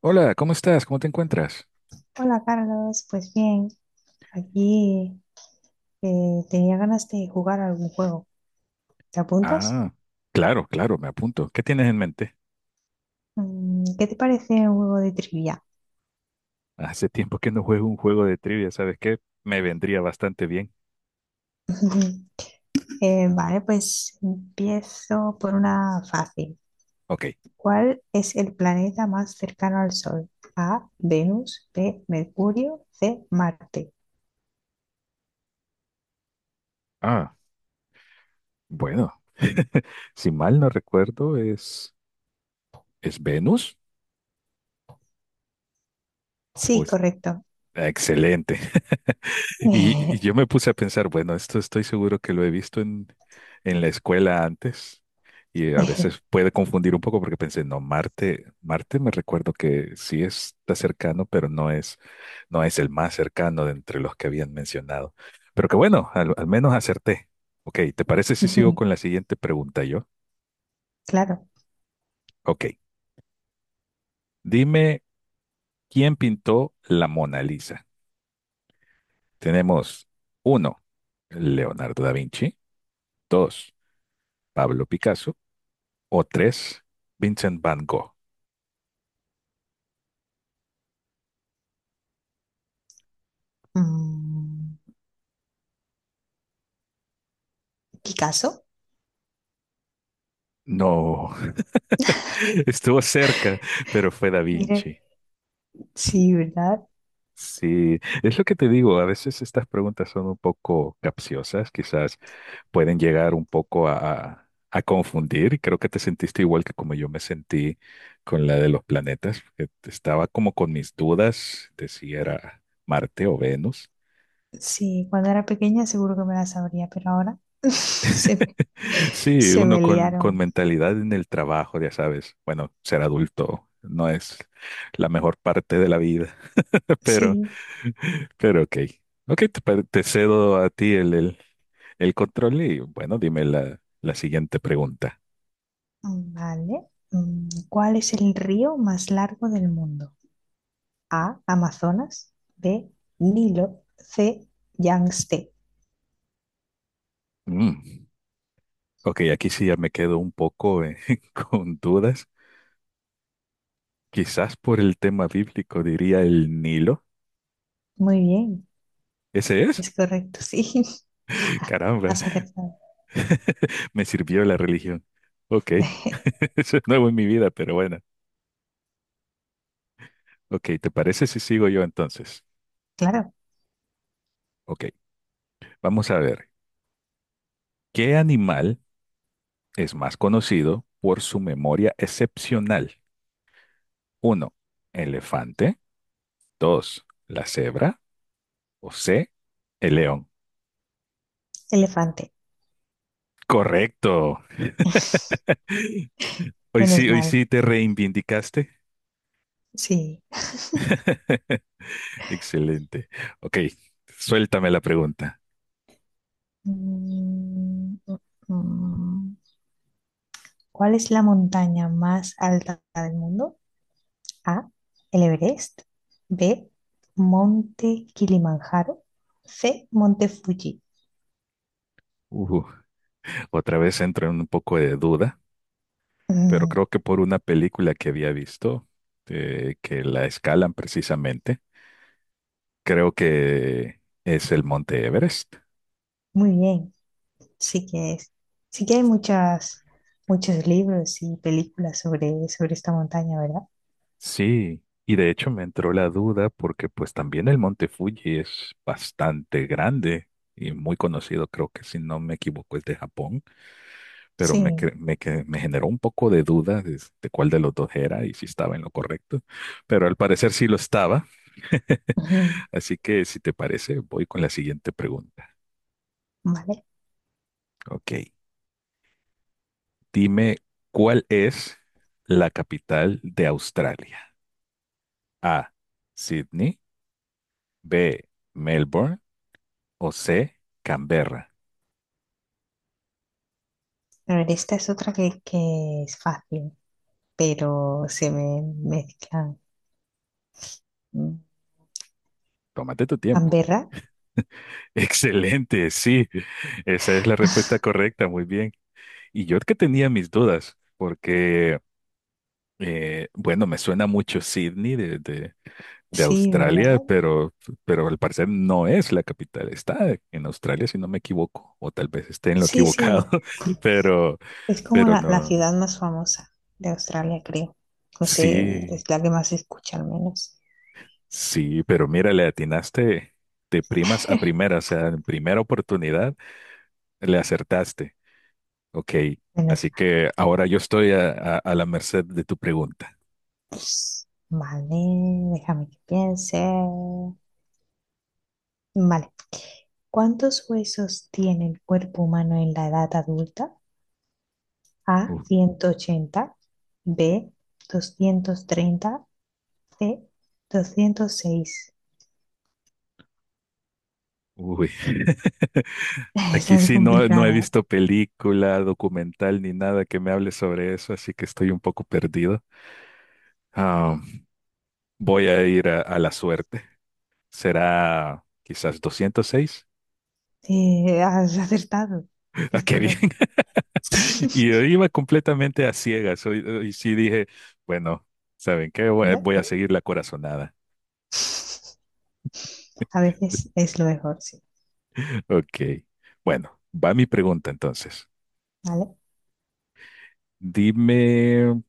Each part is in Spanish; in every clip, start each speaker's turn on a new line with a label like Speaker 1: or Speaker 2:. Speaker 1: Hola, ¿cómo estás? ¿Cómo te encuentras?
Speaker 2: Hola Carlos, pues bien, aquí tenía ganas de jugar algún juego. ¿Te apuntas?
Speaker 1: Ah, claro, claro, me apunto. ¿Qué tienes en mente?
Speaker 2: ¿Qué te parece un juego de trivia?
Speaker 1: Hace tiempo que no juego un juego de trivia, ¿sabes qué? Me vendría bastante bien.
Speaker 2: Vale, pues empiezo por una fácil.
Speaker 1: Ok.
Speaker 2: ¿Cuál es el planeta más cercano al Sol? A, Venus, B, Mercurio, C, Marte.
Speaker 1: Ah, bueno. Si mal no recuerdo, ¿es Venus? ¿O
Speaker 2: Sí,
Speaker 1: es,
Speaker 2: correcto.
Speaker 1: ah, excelente. Y yo me puse a pensar, bueno, esto estoy seguro que lo he visto en la escuela antes, y a veces puede confundir un poco porque pensé, no, Marte, Marte, me recuerdo que sí está cercano, pero no es el más cercano de entre los que habían mencionado. Pero que bueno, al menos acerté. Ok, ¿te parece si sigo con la siguiente pregunta yo?
Speaker 2: Claro.
Speaker 1: Ok, dime, ¿quién pintó la Mona Lisa? Tenemos uno, Leonardo da Vinci. Dos, Pablo Picasso. O tres, Vincent Van Gogh.
Speaker 2: Mm, ¿Qué caso?
Speaker 1: No, estuvo cerca, pero fue Da
Speaker 2: Mire,
Speaker 1: Vinci.
Speaker 2: sí, ¿verdad?
Speaker 1: Sí, es lo que te digo, a veces estas preguntas son un poco capciosas, quizás pueden llegar un poco a confundir, y creo que te sentiste igual que como yo me sentí con la de los planetas, que estaba como con mis dudas de si era Marte o Venus.
Speaker 2: Sí, cuando era pequeña seguro que me la sabría, pero ahora
Speaker 1: Sí,
Speaker 2: se
Speaker 1: uno
Speaker 2: me
Speaker 1: con
Speaker 2: liaron.
Speaker 1: mentalidad en el trabajo, ya sabes. Bueno, ser adulto no es la mejor parte de la vida, pero,
Speaker 2: Sí,
Speaker 1: pero ok. Ok, te cedo a ti el control y bueno, dime la siguiente pregunta.
Speaker 2: vale. ¿Cuál es el río más largo del mundo? A, Amazonas, B, Nilo, C, Yangtze.
Speaker 1: Mm. Ok, aquí sí ya me quedo un poco con dudas. Quizás por el tema bíblico diría el Nilo.
Speaker 2: Muy bien,
Speaker 1: ¿Ese es?
Speaker 2: es correcto, sí.
Speaker 1: Caramba,
Speaker 2: Has acertado.
Speaker 1: me sirvió la religión. Ok, eso es nuevo en mi vida, pero bueno. Ok, ¿te parece si sigo yo entonces?
Speaker 2: Claro,
Speaker 1: Ok, vamos a ver. ¿Qué animal es más conocido por su memoria excepcional? Uno, elefante. Dos, la cebra. O C, el león.
Speaker 2: elefante,
Speaker 1: Correcto.
Speaker 2: menos
Speaker 1: Hoy
Speaker 2: mal,
Speaker 1: sí te reivindicaste.
Speaker 2: sí.
Speaker 1: Excelente. Ok, suéltame la pregunta.
Speaker 2: Mm, mm, mm. ¿Cuál es la montaña más alta del mundo? A. El Everest. B. Monte Kilimanjaro. C. Monte Fuji.
Speaker 1: Ujú, otra vez entro en un poco de duda, pero
Speaker 2: Mm,
Speaker 1: creo que por una película que había visto, que la escalan precisamente. Creo que es el Monte Everest.
Speaker 2: muy bien. Sí que es. Sí que hay muchas, muchos libros y películas sobre, sobre esta montaña, ¿verdad?
Speaker 1: Sí, y de hecho me entró la duda porque pues también el Monte Fuji es bastante grande y muy conocido, creo que si no me equivoco es de Japón, pero me,
Speaker 2: Sí.
Speaker 1: cre- me, que- me generó un poco de duda de cuál de los dos era y si estaba en lo correcto, pero al parecer sí lo estaba.
Speaker 2: Ujú.
Speaker 1: Así que si te parece, voy con la siguiente pregunta.
Speaker 2: Vale.
Speaker 1: Ok, dime cuál es la capital de Australia. A, Sydney. B, Melbourne. O C, Canberra.
Speaker 2: A ver, esta es otra que es fácil, pero se me mezclan. Mm.
Speaker 1: Tómate tu tiempo.
Speaker 2: Canberra.
Speaker 1: Excelente, sí, esa es la respuesta correcta, muy bien. Y yo que tenía mis dudas, porque, bueno, me suena mucho Sydney de
Speaker 2: Sí,
Speaker 1: Australia,
Speaker 2: ¿verdad?
Speaker 1: pero al parecer no es la capital, está en Australia, si no me equivoco, o tal vez esté en lo
Speaker 2: Sí,
Speaker 1: equivocado,
Speaker 2: sí.
Speaker 1: pero,
Speaker 2: Es como
Speaker 1: pero
Speaker 2: la
Speaker 1: no,
Speaker 2: ciudad más famosa de Australia, creo. No sé, es
Speaker 1: sí,
Speaker 2: la que más se escucha al menos
Speaker 1: sí, pero mira, le atinaste de primas a primeras, o sea, en primera oportunidad. Le acertaste. Ok.
Speaker 2: en
Speaker 1: Así
Speaker 2: España.
Speaker 1: que ahora yo estoy a la merced de tu pregunta.
Speaker 2: Pues, vale, déjame que piense. Vale. ¿Cuántos huesos tiene el cuerpo humano en la edad adulta? A,
Speaker 1: U-
Speaker 2: 180. B, 230. C, 206.
Speaker 1: Uy. Aquí
Speaker 2: Esa es
Speaker 1: sí no, no he
Speaker 2: complicada.
Speaker 1: visto película, documental ni nada que me hable sobre eso, así que estoy un poco perdido. Ah, voy a ir a la suerte. Será quizás 206.
Speaker 2: Has acertado.
Speaker 1: Ah,
Speaker 2: Es
Speaker 1: qué bien.
Speaker 2: correcto.
Speaker 1: Y yo iba completamente a ciegas. Y sí dije, bueno, ¿saben qué?
Speaker 2: Bueno.
Speaker 1: Voy a seguir la corazonada.
Speaker 2: A veces es lo mejor, sí.
Speaker 1: Ok. Bueno, va mi pregunta entonces.
Speaker 2: ¿Vale?
Speaker 1: Dime,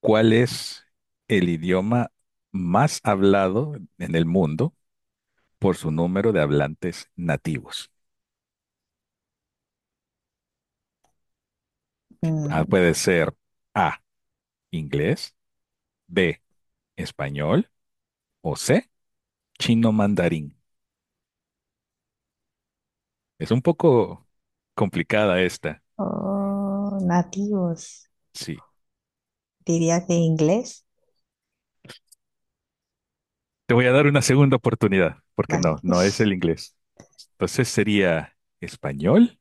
Speaker 1: ¿cuál es el idioma más hablado en el mundo por su número de hablantes nativos? Ah,
Speaker 2: Mm,
Speaker 1: puede ser A, inglés, B, español o C, chino mandarín. Es un poco complicada esta.
Speaker 2: oh, nativos,
Speaker 1: Sí.
Speaker 2: diría que inglés.
Speaker 1: Te voy a dar una segunda oportunidad, porque
Speaker 2: Vale,
Speaker 1: no, no es el inglés. Entonces sería español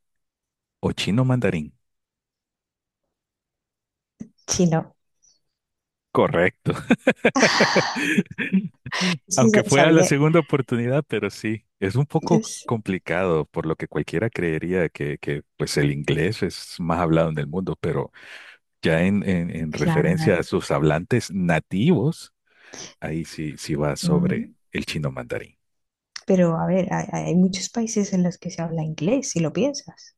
Speaker 1: o chino mandarín.
Speaker 2: chino.
Speaker 1: Correcto.
Speaker 2: Sí,
Speaker 1: Aunque fue a la
Speaker 2: sabía.
Speaker 1: segunda oportunidad, pero sí, es un poco
Speaker 2: es-
Speaker 1: complicado, por lo que cualquiera creería que pues el inglés es más hablado en el mundo, pero ya en
Speaker 2: claro,
Speaker 1: referencia a sus hablantes nativos, ahí sí, sí va sobre
Speaker 2: mm,
Speaker 1: el chino mandarín.
Speaker 2: pero a ver, hay muchos países en los que se habla inglés, si lo piensas.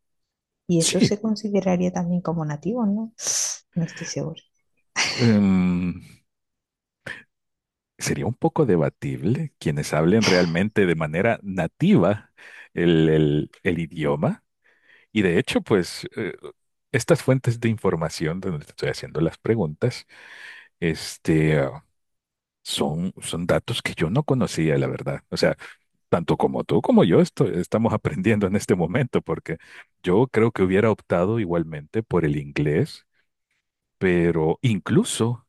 Speaker 2: Y eso
Speaker 1: Sí.
Speaker 2: se consideraría también como nativo, ¿no? No estoy segura.
Speaker 1: Em, sería un poco debatible quienes hablen realmente de manera nativa el idioma. Y de hecho, pues estas fuentes de información donde te estoy haciendo las preguntas, este, ah, son, son datos que yo no conocía, la verdad. O sea, tanto como tú como yo estamos aprendiendo en este momento, porque yo creo que hubiera optado igualmente por el inglés, pero incluso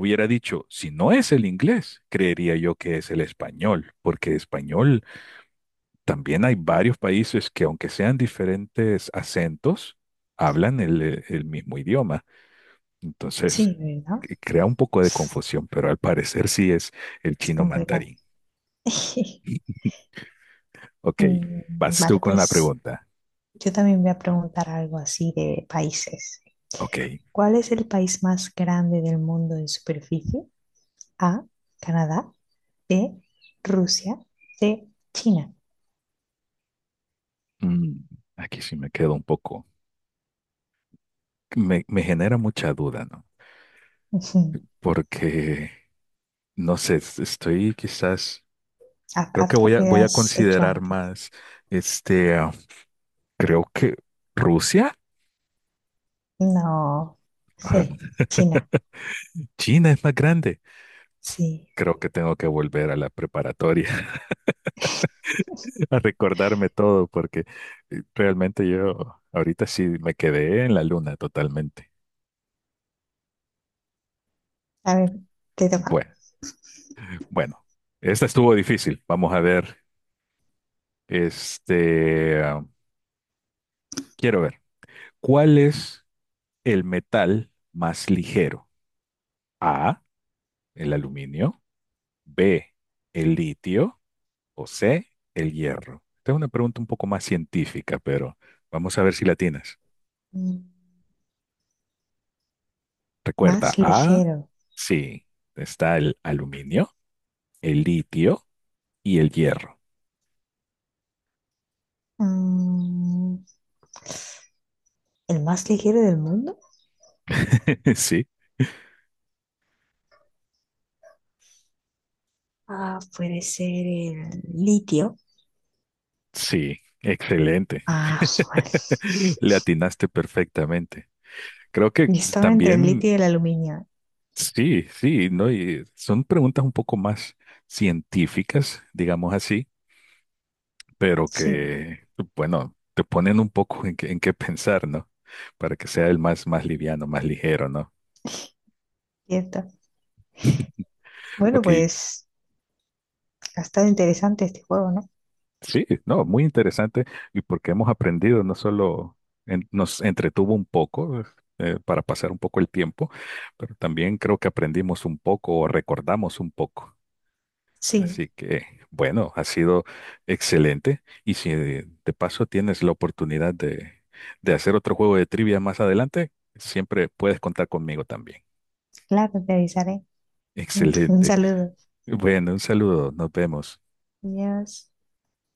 Speaker 1: hubiera dicho, si no es el inglés, creería yo que es el español, porque español también hay varios países que aunque sean diferentes acentos, hablan el mismo idioma. Entonces,
Speaker 2: Sí, ¿verdad?
Speaker 1: que crea un poco de confusión, pero al parecer sí es el
Speaker 2: Es
Speaker 1: chino
Speaker 2: complicado.
Speaker 1: mandarín. Ok,
Speaker 2: Mm,
Speaker 1: vas tú
Speaker 2: vale,
Speaker 1: con la
Speaker 2: pues
Speaker 1: pregunta.
Speaker 2: yo también voy a preguntar algo así de países.
Speaker 1: Ok,
Speaker 2: ¿Cuál es el país más grande del mundo en superficie? A, Canadá. B, Rusia. C, China.
Speaker 1: mm, aquí sí me quedo un poco. Me genera mucha duda, ¿no?
Speaker 2: Ujú.
Speaker 1: Porque, no sé, estoy quizás.
Speaker 2: Haz,
Speaker 1: Creo que
Speaker 2: haz lo
Speaker 1: voy
Speaker 2: que
Speaker 1: voy a
Speaker 2: has hecho
Speaker 1: considerar
Speaker 2: antes.
Speaker 1: más, este, ah, creo que Rusia.
Speaker 2: No.
Speaker 1: Ah,
Speaker 2: C, China.
Speaker 1: China es más grande.
Speaker 2: Sí.
Speaker 1: Creo que tengo que volver a la preparatoria a recordarme todo porque realmente yo ahorita sí me quedé en la luna totalmente.
Speaker 2: A ver, ¿te toca?
Speaker 1: Bueno, bueno, esta estuvo difícil. Vamos a ver, este, ah, quiero ver, ¿cuál es el metal más ligero? A, el aluminio, B, el litio, o C, el hierro. Esta es una pregunta un poco más científica, pero vamos a ver si la tienes.
Speaker 2: Mm,
Speaker 1: Recuerda,
Speaker 2: Más
Speaker 1: A,
Speaker 2: ligero.
Speaker 1: sí, está el aluminio, el litio y el hierro.
Speaker 2: Mm, ¿El más ligero del mundo?
Speaker 1: Sí,
Speaker 2: Ah, puede ser el litio.
Speaker 1: sí, excelente.
Speaker 2: Ah, vale.
Speaker 1: Le atinaste perfectamente. Creo
Speaker 2: Yo
Speaker 1: que
Speaker 2: estaba entre el
Speaker 1: también,
Speaker 2: litio y el aluminio.
Speaker 1: sí, sí, ¿no? Y son preguntas un poco más científicas, digamos así, pero
Speaker 2: Sí,
Speaker 1: que, bueno, te ponen un poco en qué pensar, ¿no? Para que sea el más, más liviano, más ligero, ¿no?
Speaker 2: cierto. Bueno,
Speaker 1: Ok,
Speaker 2: pues ha estado interesante este juego, ¿no?
Speaker 1: sí, no, muy interesante, y porque hemos aprendido, no solo nos entretuvo un poco para pasar un poco el tiempo, pero también creo que aprendimos un poco o recordamos un poco.
Speaker 2: Sí,
Speaker 1: Así que, bueno, ha sido excelente. Y si de paso tienes la oportunidad de hacer otro juego de trivia más adelante, siempre puedes contar conmigo también.
Speaker 2: claro, te avisaré. Un
Speaker 1: Excelente.
Speaker 2: saludo.
Speaker 1: Bueno, un saludo. Nos vemos.
Speaker 2: Adiós.